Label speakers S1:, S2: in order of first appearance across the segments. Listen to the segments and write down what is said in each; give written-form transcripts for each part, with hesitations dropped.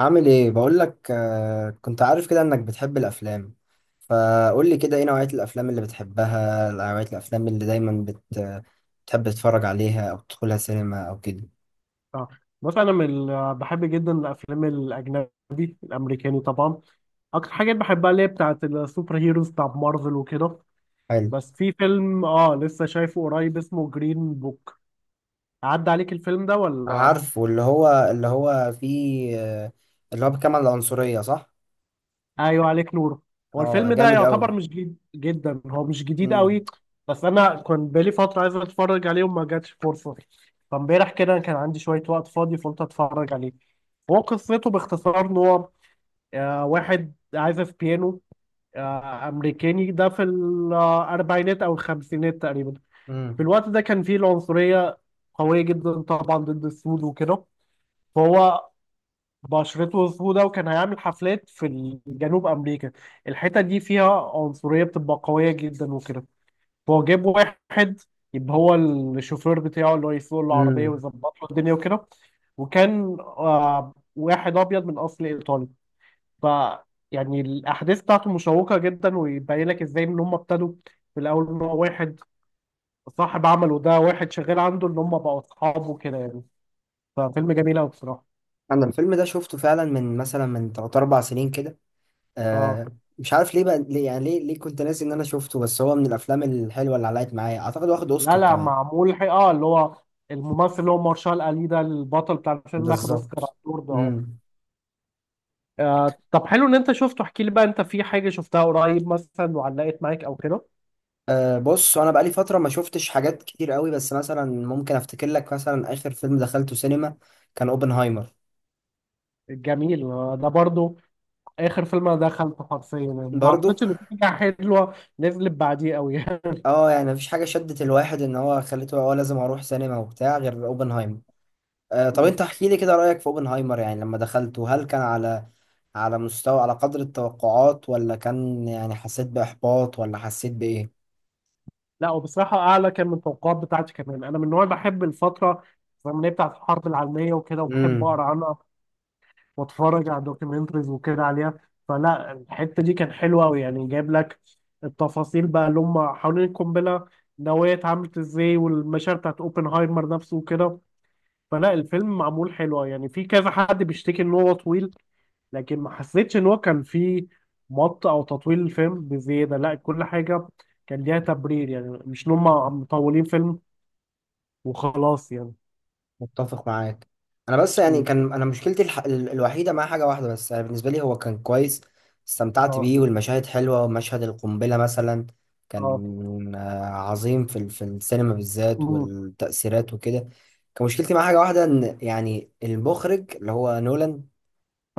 S1: عامل ايه؟ بقول لك، كنت عارف كده انك بتحب الافلام. فقول لي كده، ايه نوعية الافلام اللي بتحبها؟ نوعية الافلام اللي دايما بتحب تتفرج عليها او تدخلها سينما او كده.
S2: اه. بص، انا من بحب جدا الافلام الاجنبي الامريكاني طبعا. اكتر حاجات بحبها اللي هي بتاعت السوبر هيروز، بتاعت مارفل وكده.
S1: حلو.
S2: بس في فيلم اه لسه شايفه قريب اسمه جرين بوك، عدى عليك الفيلم ده ولا؟
S1: عارف، واللي هو فيه، اللي هو بيتكلم عن العنصرية، صح؟
S2: ايوه عليك نور. هو
S1: اه،
S2: الفيلم ده
S1: جامد قوي.
S2: يعتبر مش جديد جدا، هو مش جديد
S1: امم
S2: قوي. بس انا كان بقالي فتره عايز اتفرج عليه وما جاتش فرصه، فامبارح كده كان عندي شويه وقت فاضي فقلت اتفرج عليه. هو قصته باختصار ان هو واحد عازف بيانو امريكاني ده في الاربعينات او الخمسينات تقريبا. في
S1: امم
S2: الوقت ده كان فيه العنصريه قويه جدا طبعا ضد السود وكده. فهو بشرته سودة وكان هيعمل حفلات في جنوب امريكا، الحته دي فيها عنصريه بتبقى قويه جدا وكده. فهو جاب واحد يبقى هو الشوفير بتاعه اللي هو يسوق العربيه
S1: امم
S2: ويظبط له الدنيا وكده، وكان واحد ابيض من اصل ايطالي. ف يعني الاحداث بتاعته مشوقه جدا، ويبين لك ازاي ان هم ابتدوا في الاول ان هو واحد صاحب عمله ده واحد شغال عنده ان هم بقوا اصحاب وكده يعني. ففيلم جميل قوي بصراحه.
S1: انا الفيلم ده شفته فعلا من، مثلا، من 3 4 سنين كده.
S2: اه.
S1: آه مش عارف ليه بقى، ليه يعني، ليه كنت ناسي ان انا شفته، بس هو من الافلام الحلوه اللي علقت معايا، اعتقد، واخد
S2: لا
S1: اوسكار
S2: لا،
S1: كمان.
S2: معمول اه اللي هو الممثل اللي هو مارشال الي ده البطل بتاع الفيلم اخد اوسكار
S1: بالظبط.
S2: على الدور ده، اه.
S1: امم
S2: طب حلو ان انت شفته، احكي لي بقى انت في حاجه شفتها قريب مثلا وعلقت معاك او كده؟
S1: بص، انا بقالي فتره ما شفتش حاجات كتير قوي، بس مثلا ممكن افتكر لك، مثلا اخر فيلم دخلته سينما كان اوبنهايمر.
S2: جميل. ده برضو اخر فيلم انا دخلته حرفيا يعني، ما
S1: برضو.
S2: اعتقدش ان في حاجه حلوه نزلت بعديه قوي.
S1: اه يعني مفيش حاجه شدت الواحد ان هو خليته لازم اروح سينما وبتاع، غير اوبنهايمر. طب انت
S2: مم.
S1: احكي لي كده رأيك في اوبنهايمر. يعني لما دخلته، هل كان على مستوى، على قدر التوقعات، ولا كان يعني حسيت بإحباط، ولا حسيت بإيه؟
S2: لا وبصراحة أعلى كان من التوقعات بتاعتي. كمان أنا من النوع اللي بحب الفترة الزمنية بتاعت الحرب العالمية وكده، وبحب
S1: امم
S2: أقرأ عنها وأتفرج على دوكيومنتريز وكده عليها. فلا الحتة دي كان حلوة أوي، يعني جايب لك التفاصيل بقى اللي هم حوالين القنبلة النووية اتعملت إزاي، والمشاعر بتاعت أوبنهايمر نفسه وكده. فلا الفيلم معمول حلو يعني. في كذا حد بيشتكي إن هو طويل، لكن ما حسيتش ان هو كان فيه مط او تطويل الفيلم بزياده، لا كل حاجه كان ليها تبرير يعني، مش ان هم مطولين فيلم وخلاص يعني.
S1: متفق معاك. انا بس يعني،
S2: مم.
S1: كان انا مشكلتي الوحيدة مع حاجة واحدة بس، يعني بالنسبة لي هو كان كويس. استمتعت
S2: اه.
S1: بيه، والمشاهد حلوة، ومشهد القنبلة مثلا
S2: اه.
S1: كان عظيم في في السينما بالذات،
S2: مم.
S1: والتأثيرات وكده. كان مشكلتي مع حاجة واحدة ان يعني المخرج اللي هو نولان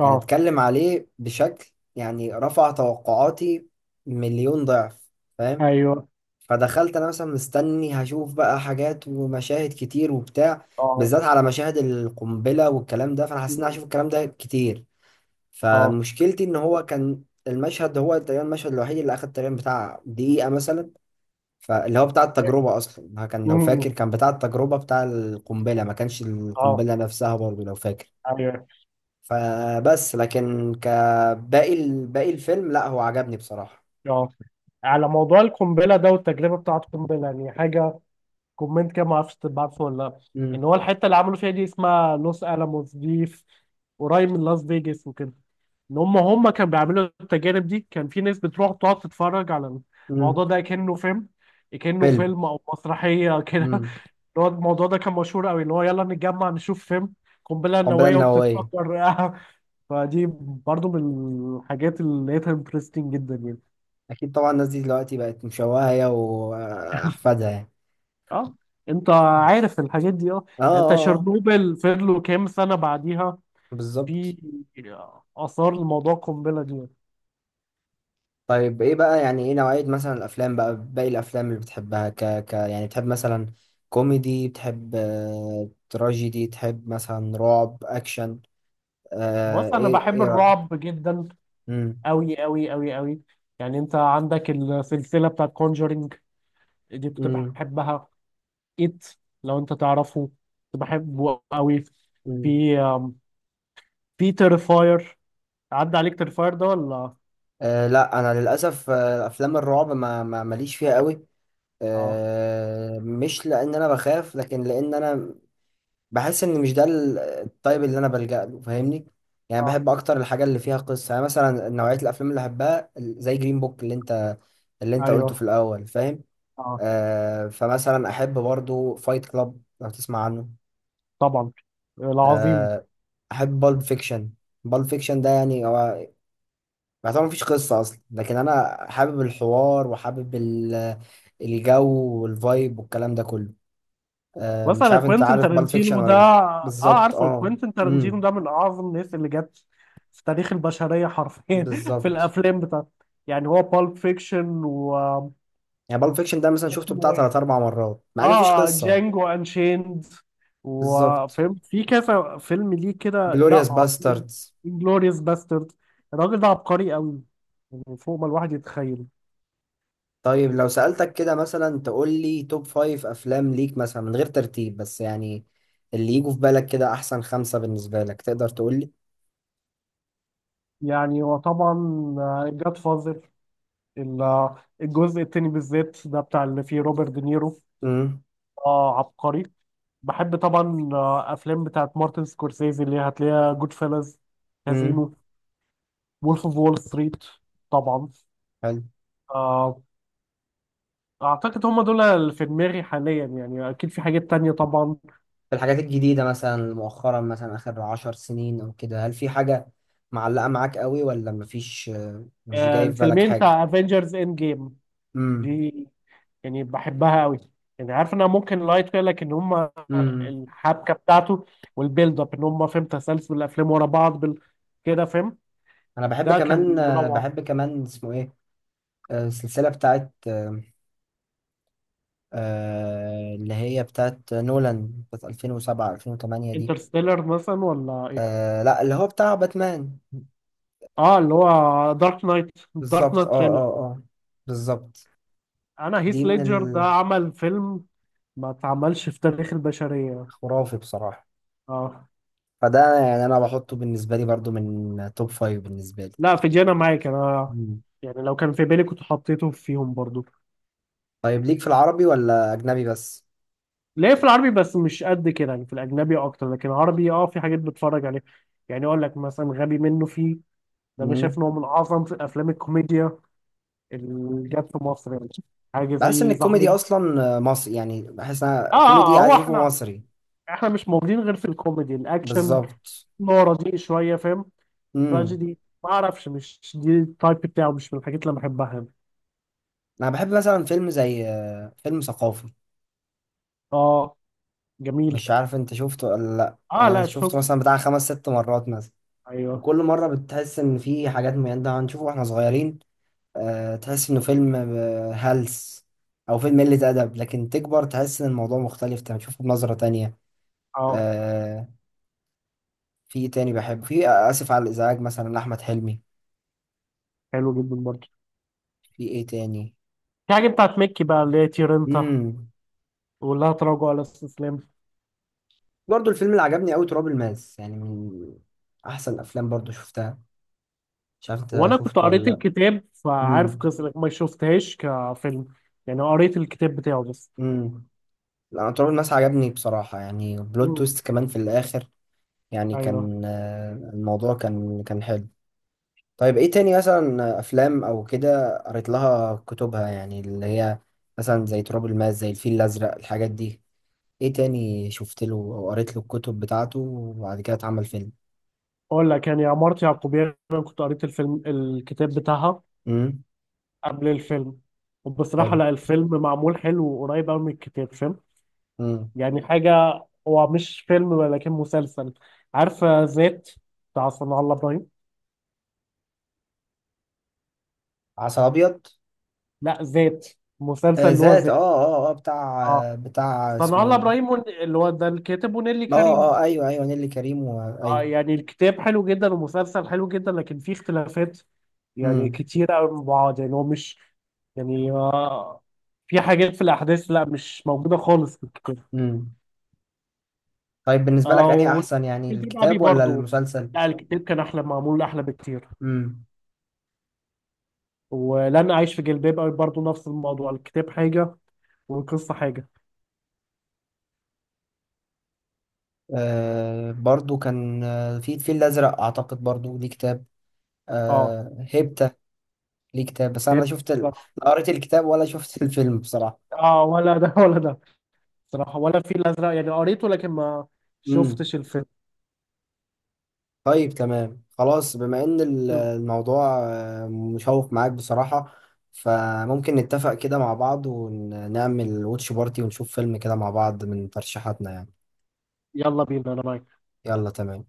S1: كان اتكلم عليه بشكل يعني رفع توقعاتي مليون ضعف، فاهم؟
S2: ايوه،
S1: فدخلت انا مثلا مستني هشوف بقى حاجات ومشاهد كتير وبتاع،
S2: اه.
S1: بالذات على مشاهد القنبلة والكلام ده، فانا حسيت اني
S2: مم.
S1: هشوف الكلام ده كتير.
S2: اه.
S1: فمشكلتي ان هو كان المشهد، هو تقريبا المشهد الوحيد اللي اخد تقريبا بتاع دقيقة مثلا. فاللي هو بتاع التجربة اصلا، كان لو
S2: مم.
S1: فاكر، كان بتاع التجربة بتاع القنبلة، ما كانش
S2: اه،
S1: القنبلة نفسها برضه لو فاكر.
S2: ايوه،
S1: فبس لكن كباقي باقي الفيلم، لا، هو عجبني بصراحة.
S2: اه. على موضوع القنبله ده والتجربه بتاعه القنبله، يعني حاجه كومنت كده ما اعرفش تبعته ولا لا، ان
S1: امم.
S2: هو الحته اللي عملوا فيها دي اسمها لوس الاموس، دي في- قريب من لاس فيجاس وكده. ان هم كانوا بيعملوا التجارب دي كان في ناس بتروح تقعد تتفرج على الموضوع
S1: امم.
S2: ده كأنه فيلم، كأنه
S1: فيلم.
S2: فيلم او مسرحيه كده. اللي
S1: امم.
S2: هو الموضوع ده كان مشهور قوي، اللي هو يلا نتجمع نشوف فيلم قنبله
S1: قنبلة
S2: نوويه
S1: نووية.
S2: وبتتفجر. فدي برضو من الحاجات اللي لقيتها انترستنج جدا يعني.
S1: أكيد طبعا. الناس دي دلوقتي بقت مشوهة، هي وأحفادها، يعني.
S2: اه، انت عارف الحاجات دي، اه.
S1: اه،
S2: يعني انت
S1: اه، اه.
S2: شرنوبل فضلوا كام سنه بعديها
S1: بالظبط.
S2: في اثار الموضوع القنبله دي.
S1: طيب ايه بقى؟ يعني ايه نوعية مثلا الأفلام، بقى باقي الأفلام اللي بتحبها؟ يعني بتحب مثلا كوميدي؟ بتحب تراجيدي؟ تحب مثلا رعب، أكشن،
S2: بص انا
S1: ايه
S2: بحب
S1: ايه رأيك؟
S2: الرعب جدا،
S1: امم
S2: أوي أوي أوي أوي. يعني أنت عندك السلسلة بتاعت كونجرينج، دي كنت بحبها. إت لو أنت تعرفه، كنت بحبه أوي.
S1: امم
S2: في في تيرفاير، عدى عليك تيرفاير ده ولا؟
S1: لا، انا للاسف، افلام الرعب ما ما ماليش فيها قوي.
S2: اه.
S1: مش لان انا بخاف، لكن لان انا بحس ان مش ده الطيب اللي انا بلجأ له، فاهمني؟ يعني
S2: اه،
S1: بحب اكتر الحاجه اللي فيها قصه، يعني مثلا نوعيه الافلام اللي بحبها زي جرين بوك اللي انت قلته في
S2: ايوه،
S1: الاول، فاهم؟
S2: اه.
S1: فمثلا احب برضو فايت كلاب، لو تسمع عنه.
S2: طبعا. العظيم.
S1: أه احب بالب فيكشن. بالب فيكشن ده يعني هو، ما طبعا مفيش قصة أصلا، لكن أنا حابب الحوار وحابب الجو والفايب والكلام ده كله. مش
S2: مثلا
S1: عارف، أنت
S2: كوينتين
S1: عارف بالب فيكشن
S2: تارنتينو ده
S1: ولا لأ؟
S2: اه،
S1: بالظبط،
S2: عارفه
S1: أه،
S2: كوينتين تارنتينو
S1: أمم،
S2: ده من اعظم الناس اللي جت في تاريخ البشريه حرفيا، في
S1: بالظبط.
S2: الافلام بتاعته. يعني هو بالب فيكشن، و
S1: يعني بالب فيكشن ده مثلا شفته بتاع
S2: اسمه إيه؟
S1: تلات أربع مرات، مع إن مفيش
S2: اه،
S1: قصة.
S2: جانجو انشيند،
S1: بالظبط.
S2: وفهمت في كذا فيلم ليه كده. لا
S1: جلوريوس
S2: عظيم.
S1: باستردز.
S2: انجلوريوس باسترد. الراجل ده عبقري قوي، يعني فوق ما الواحد يتخيل.
S1: طيب لو سألتك كده مثلا، تقول لي توب فايف أفلام ليك مثلا، من غير ترتيب بس، يعني اللي يجوا في بالك كده، أحسن خمسة بالنسبة لك، تقدر تقول لي؟
S2: يعني هو طبعا جاد فازر، الجزء التاني بالذات ده بتاع اللي فيه روبرت دينيرو،
S1: امم
S2: اه عبقري. بحب طبعا افلام بتاعت مارتن سكورسيزي اللي هتلاقيها جود فيلز،
S1: امم
S2: كازينو، وولف اوف وول ستريت طبعا. آه، اعتقد هم دول اللي في دماغي حاليا يعني، اكيد في حاجات تانية طبعا.
S1: في الحاجات الجديدة مثلا، مؤخرا، مثلا آخر عشر سنين أو كده، هل في حاجة معلقة معاك قوي، ولا مفيش؟ مش جاي في بالك
S2: الفيلمين
S1: حاجة؟
S2: بتاع افنجرز اند جيم
S1: امم
S2: دي، يعني بحبها قوي. يعني عارف انها ممكن لايت فيها، لكن هم
S1: امم
S2: الحبكه بتاعته والبيلد اب ان هم فاهم تسلسل الافلام ورا بعض كده، فاهم؟
S1: أنا بحب
S2: ده
S1: كمان
S2: كان
S1: آه،
S2: روعه.
S1: بحب كمان اسمه إيه، السلسلة بتاعت اللي هي بتاعت نولان بتاعت 2007 2008 دي.
S2: انترستيلر مثلا ولا ايه؟
S1: لا، اللي هو بتاع باتمان.
S2: اه، اللي هو دارك نايت دارك
S1: بالظبط.
S2: نايت
S1: اه،
S2: تريلر.
S1: اه، اه. بالظبط.
S2: انا
S1: دي
S2: هيث
S1: من
S2: ليدجر ده عمل فيلم ما اتعملش في تاريخ البشريه.
S1: الخرافي بصراحة.
S2: اه.
S1: فده يعني أنا بحطه بالنسبة لي برضو من توب فايف بالنسبة
S2: لا في جانا معاك انا،
S1: لي.
S2: يعني لو كان في بالي كنت حطيته فيهم برضو.
S1: طيب، ليك في العربي ولا اجنبي بس؟
S2: ليه، في العربي بس مش قد كده يعني، في الاجنبي اكتر، لكن العربي اه في حاجات بتفرج عليها. يعني اقول لك مثلا غبي منه فيه، ده انا شايف
S1: مم.
S2: ان هو من اعظم في افلام الكوميديا اللي جت في مصر يعني. حاجه
S1: بحس ان
S2: زي
S1: الكوميدي
S2: زهايمر.
S1: اصلا مصري، يعني بحس ان
S2: اه،
S1: انا كوميدي
S2: هو
S1: عايز اشوفه
S2: احنا،
S1: مصري.
S2: احنا مش موجودين غير في الكوميدي الاكشن،
S1: بالظبط.
S2: نوع رديء شويه فاهم.
S1: امم
S2: تراجيدي ما اعرفش، مش دي التايب بتاعه، مش من الحاجات اللي أنا بحبها يعني.
S1: انا بحب مثلا فيلم زي فيلم ثقافي.
S2: اه،
S1: مش
S2: جميل.
S1: عارف انت شفته ولا لا،
S2: اه
S1: يعني أنا
S2: لا،
S1: شفته
S2: شفت.
S1: مثلا بتاع خمس ست مرات مثلا.
S2: ايوه.
S1: وكل مره بتحس ان في حاجات، من ده هنشوفه واحنا صغيرين، تحس انه فيلم هلس، او فيلم قله ادب، لكن تكبر تحس ان الموضوع مختلف، تشوفه بنظره تانية.
S2: اه.
S1: آه، في ايه تاني بحبه؟ في اسف على الازعاج مثلا لاحمد حلمي.
S2: حلو جدا برضه.
S1: في ايه تاني؟
S2: في حاجة بتاعت ميكي بقى اللي هي تيرنتا،
S1: امم
S2: ولا تراجع ولا استسلام.
S1: برضو الفيلم اللي عجبني قوي تراب الماس، يعني من احسن الافلام برضو شفتها. مش عارف انت
S2: وانا كنت
S1: شفته ولا
S2: قريت
S1: لا.
S2: الكتاب فعارف
S1: امم
S2: قصة ما شفتهاش كفيلم، يعني قريت الكتاب بتاعه بس.
S1: امم لا، تراب الماس عجبني بصراحة، يعني بلوت
S2: مم.
S1: تويست كمان في الاخر. يعني
S2: ايوه.
S1: كان الموضوع كان حلو. طيب ايه تاني مثلا، افلام او كده، قريت لها كتبها يعني، اللي هي مثلا زي تراب الماس، زي الفيل الازرق، الحاجات دي؟ ايه تاني شفت له او قريت له الكتب بتاعته وبعد كده اتعمل فيلم؟
S2: اقول لك يعني عمارة يعقوبيان، انا كنت قريت الفيلم الكتاب بتاعها
S1: امم.
S2: قبل الفيلم. وبصراحة
S1: حلو.
S2: لا الفيلم معمول حلو وقريب قوي من الكتاب، فاهم؟
S1: امم.
S2: يعني حاجة، هو مش فيلم ولكن مسلسل، عارف ذات بتاع صنع الله ابراهيم؟
S1: عسل ابيض.
S2: لا ذات، مسلسل
S1: آه،
S2: اللي هو
S1: ذات. اه،
S2: ذات.
S1: اه، اه. بتاع
S2: اه،
S1: آه بتاع
S2: صنع الله
S1: اسمه.
S2: ابراهيم اللي هو ده الكاتب ونيلي
S1: اه،
S2: كريم.
S1: اه، ايوه، ايوه. نيللي كريم
S2: آه
S1: ايوه.
S2: يعني الكتاب حلو جدا ومسلسل حلو جدا، لكن فيه اختلافات يعني
S1: امم
S2: كتيرة قوي من بعض. يعني هو مش يعني آه، في حاجات في الاحداث لا مش موجودة خالص في الكتاب.
S1: امم طيب، بالنسبه لك،
S2: اه،
S1: انهي احسن، يعني
S2: والجلباب ابي
S1: الكتاب ولا
S2: برضو.
S1: المسلسل؟
S2: لا الكتاب كان احلى، معمول احلى بكتير.
S1: امم
S2: ولن اعيش في جلباب ابي برضو نفس الموضوع، الكتاب حاجة والقصة حاجة.
S1: برضو كان في الفيل الازرق اعتقد برضو ليه كتاب.
S2: اه.
S1: هيبتا ليه كتاب، بس انا
S2: هي-
S1: لا شفت لا قريت الكتاب، ولا شفت الفيلم بصراحه.
S2: اه، ولا ده ولا ده صراحة، ولا في الازرق يعني قريته لكن ما
S1: امم
S2: شفتش الفيلم.
S1: طيب، تمام خلاص. بما ان الموضوع مشوق معاك بصراحة، فممكن نتفق كده مع بعض ونعمل واتش بارتي ونشوف فيلم كده مع بعض من ترشيحاتنا يعني.
S2: يلا بينا، انا معاك.
S1: يلا، تمام.